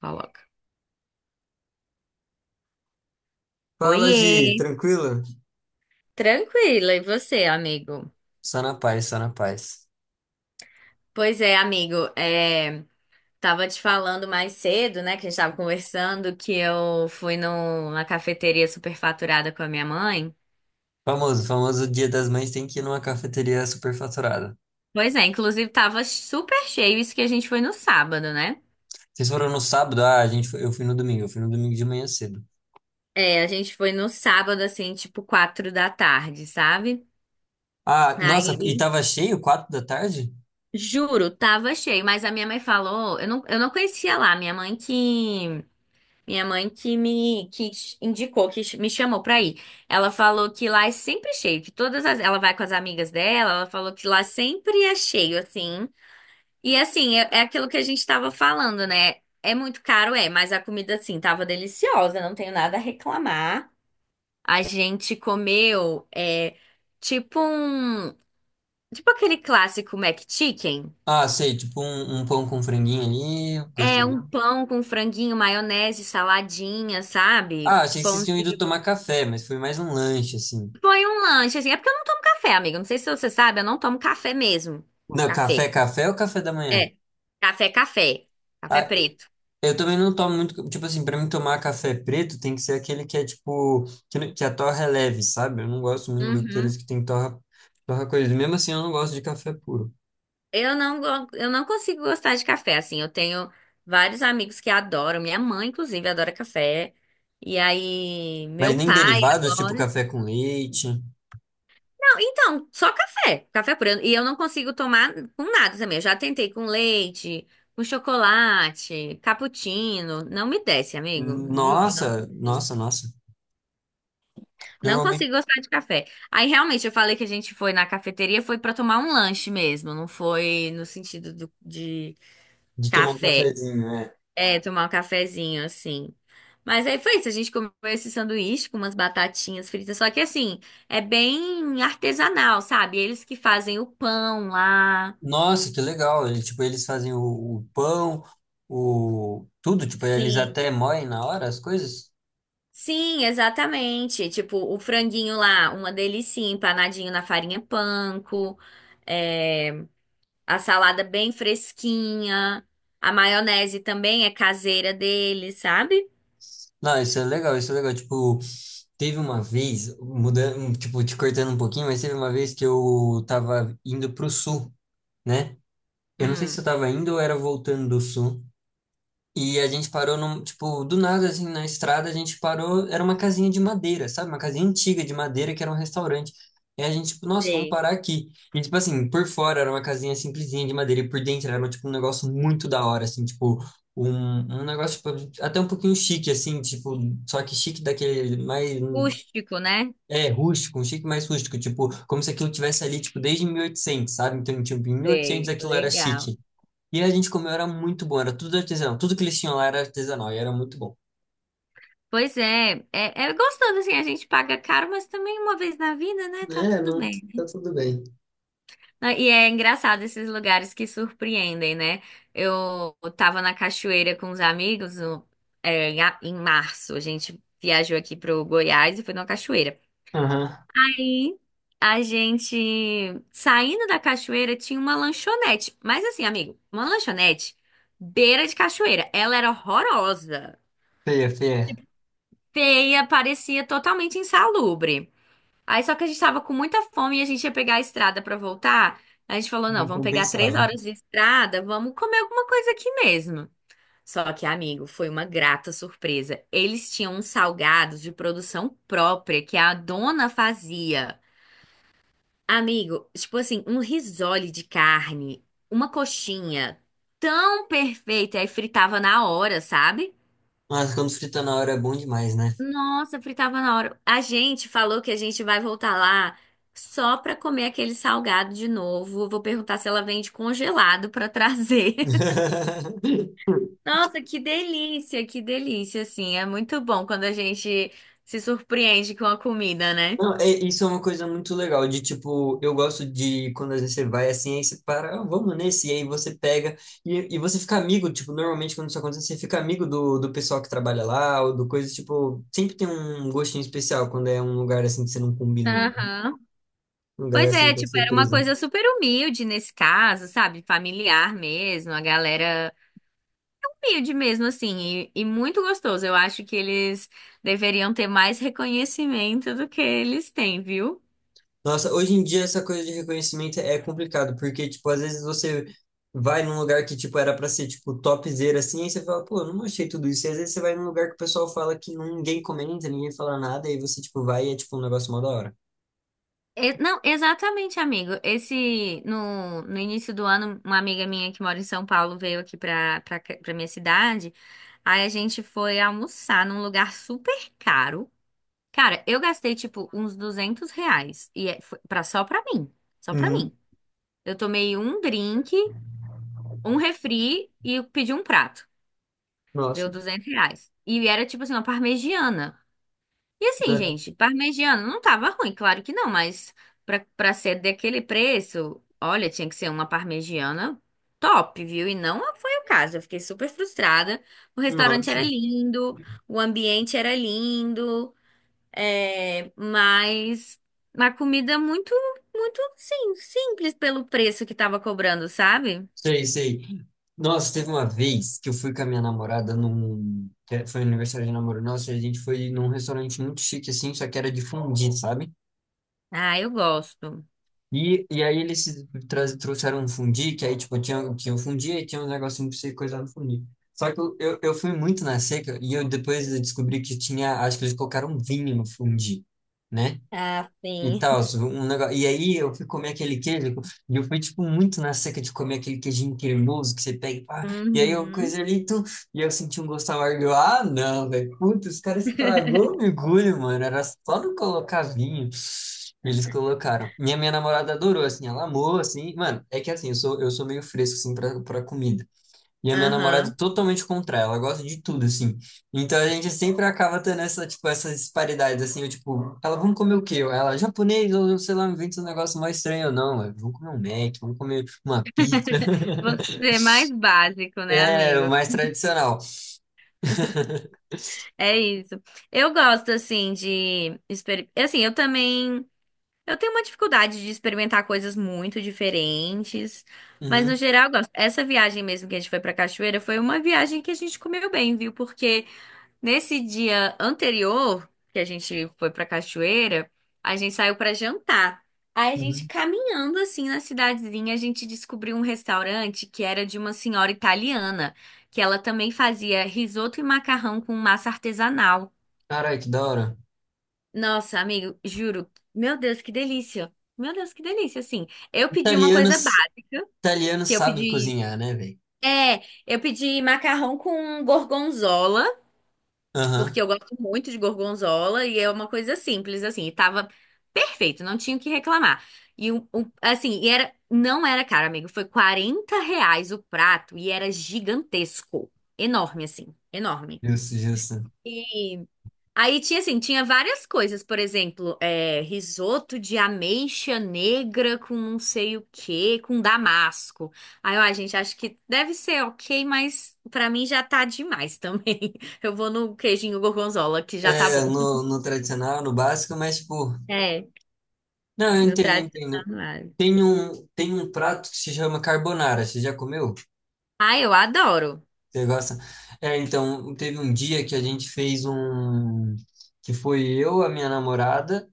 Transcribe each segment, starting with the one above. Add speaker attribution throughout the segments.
Speaker 1: Coloca.
Speaker 2: Fala, Gi,
Speaker 1: Oiê!
Speaker 2: tranquilo?
Speaker 1: Tranquila, e você, amigo?
Speaker 2: Só na paz, só na paz.
Speaker 1: Pois é, amigo, é, tava te falando mais cedo, né, que a gente tava conversando, que eu fui numa cafeteria superfaturada com a minha mãe.
Speaker 2: Famoso Dia das Mães tem que ir numa cafeteria superfaturada.
Speaker 1: Pois é, inclusive tava super cheio, isso que a gente foi no sábado, né?
Speaker 2: Vocês foram no sábado? Ah, eu fui no domingo, eu fui no domingo de manhã cedo.
Speaker 1: É, a gente foi no sábado, assim, tipo 4 da tarde, sabe?
Speaker 2: Ah, nossa, e
Speaker 1: Aí,
Speaker 2: tava cheio, quatro da tarde?
Speaker 1: juro, tava cheio, mas a minha mãe falou, eu não conhecia lá, minha mãe que Minha mãe que me que indicou, que me chamou pra ir. Ela falou que lá é sempre cheio, que todas as, ela vai com as amigas dela, ela falou que lá sempre é cheio, assim. E assim, é, é aquilo que a gente tava falando, né? É muito caro, é, mas a comida, assim, tava deliciosa, não tenho nada a reclamar. A gente comeu, é, tipo um, tipo aquele clássico McChicken.
Speaker 2: Ah, sei, um pão com franguinho ali,
Speaker 1: É um
Speaker 2: gostosinho.
Speaker 1: pão com franguinho, maionese, saladinha, sabe?
Speaker 2: Ah, achei que
Speaker 1: Pão
Speaker 2: vocês tinham ido tomar café, mas foi mais um lanche, assim.
Speaker 1: Foi um lanche, assim. É porque eu não tomo café, amiga. Não sei se você sabe, eu não tomo café mesmo.
Speaker 2: Não, café,
Speaker 1: Café.
Speaker 2: café ou café da
Speaker 1: É.
Speaker 2: manhã?
Speaker 1: Café, café. Café
Speaker 2: Ah,
Speaker 1: preto.
Speaker 2: eu também não tomo muito, tipo assim, pra mim tomar café preto tem que ser aquele que é tipo, que, não- que a torra é leve, sabe? Eu não gosto muito daqueles
Speaker 1: Uhum.
Speaker 2: que tem torra, torra coisa. Mesmo assim, eu não gosto de café puro.
Speaker 1: Eu não consigo gostar de café, assim. Eu tenho vários amigos que adoram. Minha mãe, inclusive, adora café. E aí,
Speaker 2: Mas
Speaker 1: meu
Speaker 2: nem
Speaker 1: pai
Speaker 2: derivados, tipo
Speaker 1: adora.
Speaker 2: café com leite.
Speaker 1: Não, então, só café. Café preto. E eu não consigo tomar com nada também. Eu já tentei com leite, com chocolate, cappuccino. Não me desce, amigo. Juro, não.
Speaker 2: Nossa, nossa, nossa.
Speaker 1: Não
Speaker 2: Normalmente
Speaker 1: consigo gostar de café. Aí realmente eu falei que a gente foi na cafeteria, foi pra tomar um lanche mesmo, não foi no sentido de
Speaker 2: de tomar um
Speaker 1: café.
Speaker 2: cafezinho, é.
Speaker 1: É, tomar um cafezinho assim. Mas aí foi isso, a gente comeu esse sanduíche com umas batatinhas fritas, só que assim, é bem artesanal, sabe? Eles que fazem o pão lá.
Speaker 2: Nossa, que legal. Ele, tipo, eles fazem o pão, o tudo, tipo, eles
Speaker 1: Sim.
Speaker 2: até moem na hora as coisas.
Speaker 1: Sim, exatamente. Tipo, o franguinho lá, uma delícia, empanadinho na farinha panko. É... A salada bem fresquinha. A maionese também é caseira dele, sabe?
Speaker 2: Não, isso é legal, isso é legal. Tipo, teve uma vez, mudando, tipo, te cortando um pouquinho, mas teve uma vez que eu tava indo pro sul, né? Eu não sei
Speaker 1: Hum,
Speaker 2: se eu tava indo ou era voltando do sul. E a gente parou num, tipo, do nada, assim, na estrada, a gente parou, era uma casinha de madeira, sabe? Uma casinha antiga de madeira que era um restaurante. E a gente, tipo, nossa, vamos
Speaker 1: sei.
Speaker 2: parar aqui. E, tipo assim, por fora era uma casinha simplesinha de madeira e por dentro era, tipo, um negócio muito da hora, assim, tipo, um, um negócio, tipo, até um pouquinho chique, assim, tipo, só que chique daquele mais
Speaker 1: Rústico, né?
Speaker 2: é, rústico, um chique mais rústico, tipo, como se aquilo tivesse ali, tipo, desde 1800, sabe? Então, tipo, em 1800
Speaker 1: Sei.
Speaker 2: aquilo era
Speaker 1: Legal.
Speaker 2: chique. E a gente comeu, era muito bom, era tudo artesanal. Tudo que eles tinham lá era artesanal e era muito bom.
Speaker 1: Pois é, é, é gostoso assim, a gente paga caro, mas também uma vez na vida, né? Tá
Speaker 2: É,
Speaker 1: tudo
Speaker 2: não, tá
Speaker 1: bem.
Speaker 2: tudo bem.
Speaker 1: Ah, e é engraçado esses lugares que surpreendem, né? Eu tava na cachoeira com os amigos é, em, em março, a gente viajou aqui pro Goiás e foi numa cachoeira.
Speaker 2: Aham.
Speaker 1: Aí a gente saindo da cachoeira tinha uma lanchonete. Mas assim, amigo, uma lanchonete beira de cachoeira. Ela era horrorosa,
Speaker 2: Feia, feia.
Speaker 1: feia, parecia totalmente insalubre. Aí só que a gente tava com muita fome e a gente ia pegar a estrada pra voltar. A gente falou, não,
Speaker 2: Não
Speaker 1: vamos pegar três
Speaker 2: compensava.
Speaker 1: horas de estrada, vamos comer alguma coisa aqui mesmo. Só que, amigo, foi uma grata surpresa. Eles tinham uns salgados de produção própria que a dona fazia. Amigo, tipo assim, um risole de carne, uma coxinha tão perfeita, aí fritava na hora, sabe?
Speaker 2: Mas quando frita na hora é bom demais, né?
Speaker 1: Nossa, fritava na hora. A gente falou que a gente vai voltar lá só pra comer aquele salgado de novo. Vou perguntar se ela vende congelado pra trazer. Nossa, que delícia, assim. É muito bom quando a gente se surpreende com a comida, né?
Speaker 2: Não, é- isso é uma coisa muito legal, de tipo, eu gosto de quando às vezes você vai assim, aí você para, "Ah, vamos nesse, e aí você pega, e você fica amigo, tipo, normalmente quando isso acontece, você fica amigo do, do pessoal que trabalha lá, ou do coisa, tipo, sempre tem um gostinho especial quando é um lugar assim que você não combinou, né?
Speaker 1: Aham.
Speaker 2: Um lugar
Speaker 1: Pois
Speaker 2: assim
Speaker 1: é,
Speaker 2: que é
Speaker 1: tipo, era uma
Speaker 2: surpresa.
Speaker 1: coisa super humilde nesse caso, sabe? Familiar mesmo, a galera humilde mesmo, assim, e muito gostoso. Eu acho que eles deveriam ter mais reconhecimento do que eles têm, viu?
Speaker 2: Nossa, hoje em dia essa coisa de reconhecimento é complicado, porque, tipo, às vezes você vai num lugar que, tipo, era pra ser, tipo, topzera, assim, aí você fala, pô, eu não achei tudo isso. E às vezes você vai num lugar que o pessoal fala que ninguém comenta, ninguém fala nada, e aí você, tipo, vai e é, tipo, um negócio mó da hora.
Speaker 1: Não, exatamente, amigo. Esse, no, no início do ano, uma amiga minha que mora em São Paulo veio aqui pra minha cidade. Aí a gente foi almoçar num lugar super caro. Cara, eu gastei, tipo, uns R$ 200 e foi pra, só pra mim. Só pra
Speaker 2: Uhum.
Speaker 1: mim. Eu tomei um drink, um refri e pedi um prato. Deu
Speaker 2: Nossa,
Speaker 1: R$ 200. E era tipo assim, uma parmegiana. E assim,
Speaker 2: era-
Speaker 1: gente, parmegiana não tava ruim, claro que não, mas pra ser daquele preço, olha, tinha que ser uma parmegiana top, viu? E não foi o caso. Eu fiquei super frustrada. O restaurante
Speaker 2: nossa.
Speaker 1: era lindo, o ambiente era lindo, é, mas uma comida muito, muito, sim, simples pelo preço que tava cobrando, sabe?
Speaker 2: Sei, sei. Nossa, teve uma vez que eu fui com a minha namorada num... que Foi aniversário de namoro nosso, e a gente foi num restaurante muito chique, assim, só que era de fondue, sabe?
Speaker 1: Ah, eu gosto.
Speaker 2: E aí eles se tra- trouxeram um fundi, que aí, tipo, tinha um fundi e tinha um negocinho pra você coisar no fundi. Só que eu fui muito na seca e eu depois eu descobri que tinha, acho que eles colocaram vinho no fundi, né?
Speaker 1: Ah,
Speaker 2: E
Speaker 1: sim.
Speaker 2: tal, um negócio. E aí eu fui comer aquele queijo, e eu fui, tipo, muito na seca de comer aquele queijinho cremoso que você pega e pá. E aí eu
Speaker 1: Uhum.
Speaker 2: coisa ali, tum, e eu senti um gosto amargo. Eu, ah, não, velho. Puta, os caras estragou o mergulho, mano. Era só não colocar vinho. E eles colocaram. Minha namorada adorou, assim, ela amou, assim. Mano, é que assim, eu sou meio fresco, assim, pra comida. E a minha namorada
Speaker 1: Aham.
Speaker 2: é totalmente contra ela, ela gosta de tudo, assim. Então a gente sempre acaba tendo essa, tipo, essas disparidades, assim, eu, tipo, ela, vamos comer o quê? Ela, japonês, ou sei lá, inventa um negócio mais estranho ou não, eu, vamos comer um Mac, vamos comer uma pizza.
Speaker 1: Você é mais básico, né,
Speaker 2: É, o
Speaker 1: amigo?
Speaker 2: mais tradicional.
Speaker 1: É isso. Eu gosto, assim, de... Assim, eu também... Eu tenho uma dificuldade de experimentar coisas muito diferentes, mas no
Speaker 2: Uhum,
Speaker 1: geral eu gosto. Essa viagem mesmo que a gente foi pra Cachoeira foi uma viagem que a gente comeu bem, viu? Porque nesse dia anterior, que a gente foi pra cachoeira, a gente saiu pra jantar. Aí a gente
Speaker 2: uhum.
Speaker 1: caminhando assim na cidadezinha, a gente descobriu um restaurante que era de uma senhora italiana, que ela também fazia risoto e macarrão com massa artesanal.
Speaker 2: Caralho, que da hora.
Speaker 1: Nossa, amigo, juro, meu Deus, que delícia. Meu Deus, que delícia, assim. Eu pedi uma coisa
Speaker 2: Italianos,
Speaker 1: básica,
Speaker 2: italianos
Speaker 1: que eu
Speaker 2: sabem
Speaker 1: pedi,
Speaker 2: cozinhar, né, velho?
Speaker 1: é, eu pedi macarrão com gorgonzola. Porque
Speaker 2: Aham.
Speaker 1: eu gosto muito de gorgonzola e é uma coisa simples, assim, e tava perfeito, não tinha o que reclamar. E assim, e era, não era caro, amigo, foi R$ 40 o prato e era gigantesco, enorme, assim, enorme.
Speaker 2: Justo, justo.
Speaker 1: E aí tinha assim, tinha várias coisas, por exemplo, é, risoto de ameixa negra com não sei o quê, com damasco. Aí, ó, gente, acho que deve ser ok, mas pra mim já tá demais também. Eu vou no queijinho gorgonzola, que já tá
Speaker 2: É,
Speaker 1: bom.
Speaker 2: no tradicional, no básico, mas, tipo,
Speaker 1: É,
Speaker 2: não,
Speaker 1: no
Speaker 2: eu entendo.
Speaker 1: tradicional.
Speaker 2: Tem um prato que se chama carbonara. Você já comeu?
Speaker 1: Ah, eu adoro,
Speaker 2: Você gosta? É, então, teve um dia que a gente fez um. Que foi eu, a minha namorada,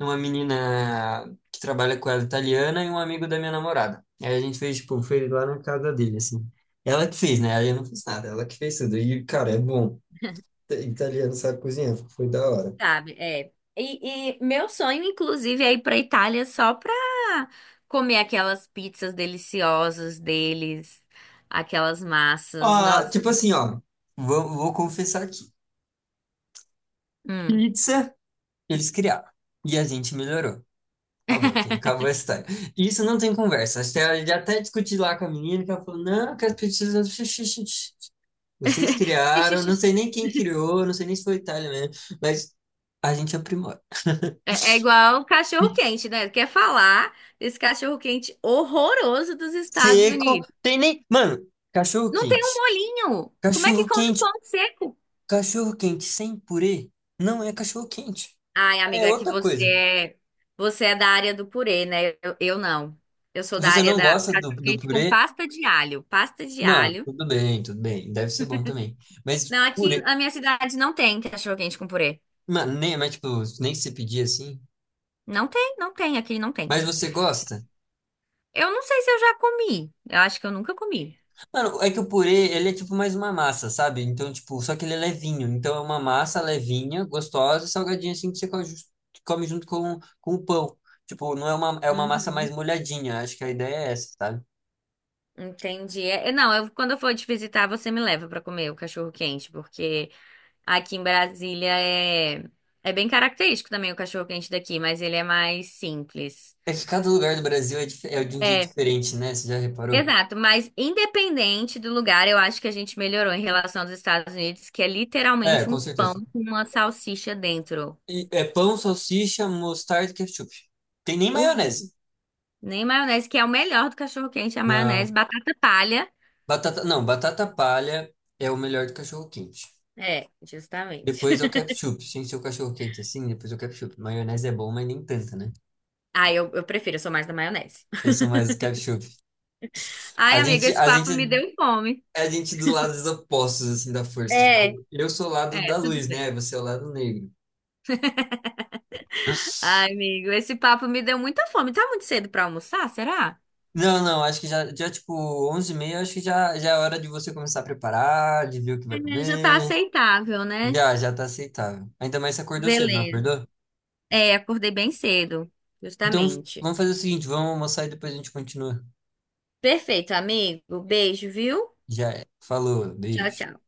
Speaker 2: uma menina que trabalha com ela italiana e um amigo da minha namorada. Aí a gente fez, tipo, fez lá na casa dele, assim. Ela que fez, né? Aí eu não fiz nada, ela que fez tudo. E, cara, é bom. Italiano sabe cozinhar, foi da hora.
Speaker 1: sabe? É. E, e meu sonho, inclusive, é ir pra Itália só pra comer aquelas pizzas deliciosas deles, aquelas massas.
Speaker 2: Ó,
Speaker 1: Nossa.
Speaker 2: tipo assim, ó. Vou confessar aqui.
Speaker 1: Hum.
Speaker 2: Pizza, eles criaram. E a gente melhorou. Acabou, Kim, acabou a história. Isso não tem conversa. Acho que ela já até discutiu lá com a menina, que ela falou, não, que as pessoas... Vocês criaram, não sei nem quem criou, não sei nem se foi Itália mesmo, mas a gente aprimora.
Speaker 1: É, é igual cachorro quente, né? Quer falar desse cachorro quente horroroso dos Estados
Speaker 2: Seco,
Speaker 1: Unidos?
Speaker 2: tem nem... Mano, cachorro
Speaker 1: Não tem um
Speaker 2: quente.
Speaker 1: molinho. Como é que
Speaker 2: Cachorro
Speaker 1: come um
Speaker 2: quente,
Speaker 1: pão seco?
Speaker 2: cachorro quente sem purê não é cachorro quente.
Speaker 1: Ai,
Speaker 2: É
Speaker 1: amiga, é que
Speaker 2: outra coisa.
Speaker 1: você é da área do purê, né? Eu não. Eu sou da
Speaker 2: Você
Speaker 1: área
Speaker 2: não
Speaker 1: da
Speaker 2: gosta
Speaker 1: cachorro
Speaker 2: do
Speaker 1: quente com
Speaker 2: purê?
Speaker 1: pasta de alho. Pasta de
Speaker 2: Não,
Speaker 1: alho.
Speaker 2: tudo bem, tudo bem. Deve ser bom também. Mas
Speaker 1: Não, aqui
Speaker 2: purê...
Speaker 1: na minha cidade não tem cachorro quente com purê.
Speaker 2: Mano, nem, mas tipo, nem se pedir assim...
Speaker 1: Não tem, não tem, aqui não tem.
Speaker 2: Mas você gosta?
Speaker 1: Eu não sei se eu já comi. Eu acho que eu nunca comi.
Speaker 2: Mano, é que o purê, ele é tipo mais uma massa, sabe? Então, tipo, só que ele é levinho. Então, é uma massa levinha, gostosa, salgadinha, assim, que come junto com o pão. Tipo, não é uma, é uma massa mais
Speaker 1: Uhum.
Speaker 2: molhadinha. Acho que a ideia é essa, sabe?
Speaker 1: Entendi. É, é, não, eu, quando eu for te visitar, você me leva pra comer o cachorro quente, porque aqui em Brasília é, é bem característico também o cachorro quente daqui, mas ele é mais simples.
Speaker 2: É que cada lugar do Brasil é, dif- é de um jeito
Speaker 1: É,
Speaker 2: diferente, né? Você já reparou?
Speaker 1: exato. Mas independente do lugar, eu acho que a gente melhorou em relação aos Estados Unidos, que é
Speaker 2: É,
Speaker 1: literalmente
Speaker 2: com
Speaker 1: um
Speaker 2: certeza.
Speaker 1: pão com uma salsicha dentro.
Speaker 2: E é pão, salsicha, mostarda e ketchup. Tem nem
Speaker 1: Horrível.
Speaker 2: maionese.
Speaker 1: Nem maionese, que é o melhor do cachorro quente, é a maionese,
Speaker 2: Não.
Speaker 1: batata palha.
Speaker 2: Batata, não, batata palha é o melhor do cachorro-quente.
Speaker 1: É, justamente.
Speaker 2: Depois é o ketchup. Tem que ser o cachorro quente assim, depois é o ketchup. Maionese é bom, mas nem tanta, né?
Speaker 1: Ah, eu prefiro, eu sou mais da maionese.
Speaker 2: Eu sou mais do ketchup.
Speaker 1: Ai,
Speaker 2: A
Speaker 1: amiga,
Speaker 2: gente,
Speaker 1: esse
Speaker 2: a
Speaker 1: papo me
Speaker 2: gente,
Speaker 1: deu fome.
Speaker 2: é a gente do lado dos opostos, assim, da força.
Speaker 1: É,
Speaker 2: Tipo, eu sou o lado
Speaker 1: é,
Speaker 2: da
Speaker 1: tudo
Speaker 2: luz,
Speaker 1: bem.
Speaker 2: né? Você é o lado negro.
Speaker 1: Ai, amigo, esse papo me deu muita fome. Tá muito cedo pra almoçar, será?
Speaker 2: Não, não, acho que já, já tipo, onze e 30 acho que já, já é hora de você começar a preparar, de ver o que vai
Speaker 1: É, já tá
Speaker 2: comer.
Speaker 1: aceitável, né?
Speaker 2: Já, já tá aceitável. Ainda mais se acordou cedo, não
Speaker 1: Beleza.
Speaker 2: acordou?
Speaker 1: É, acordei bem cedo,
Speaker 2: Então,
Speaker 1: justamente.
Speaker 2: vamos fazer o seguinte, vamos almoçar e depois a gente continua.
Speaker 1: Perfeito, amigo. Beijo, viu?
Speaker 2: Já é. Falou,
Speaker 1: Tchau,
Speaker 2: beijo.
Speaker 1: tchau.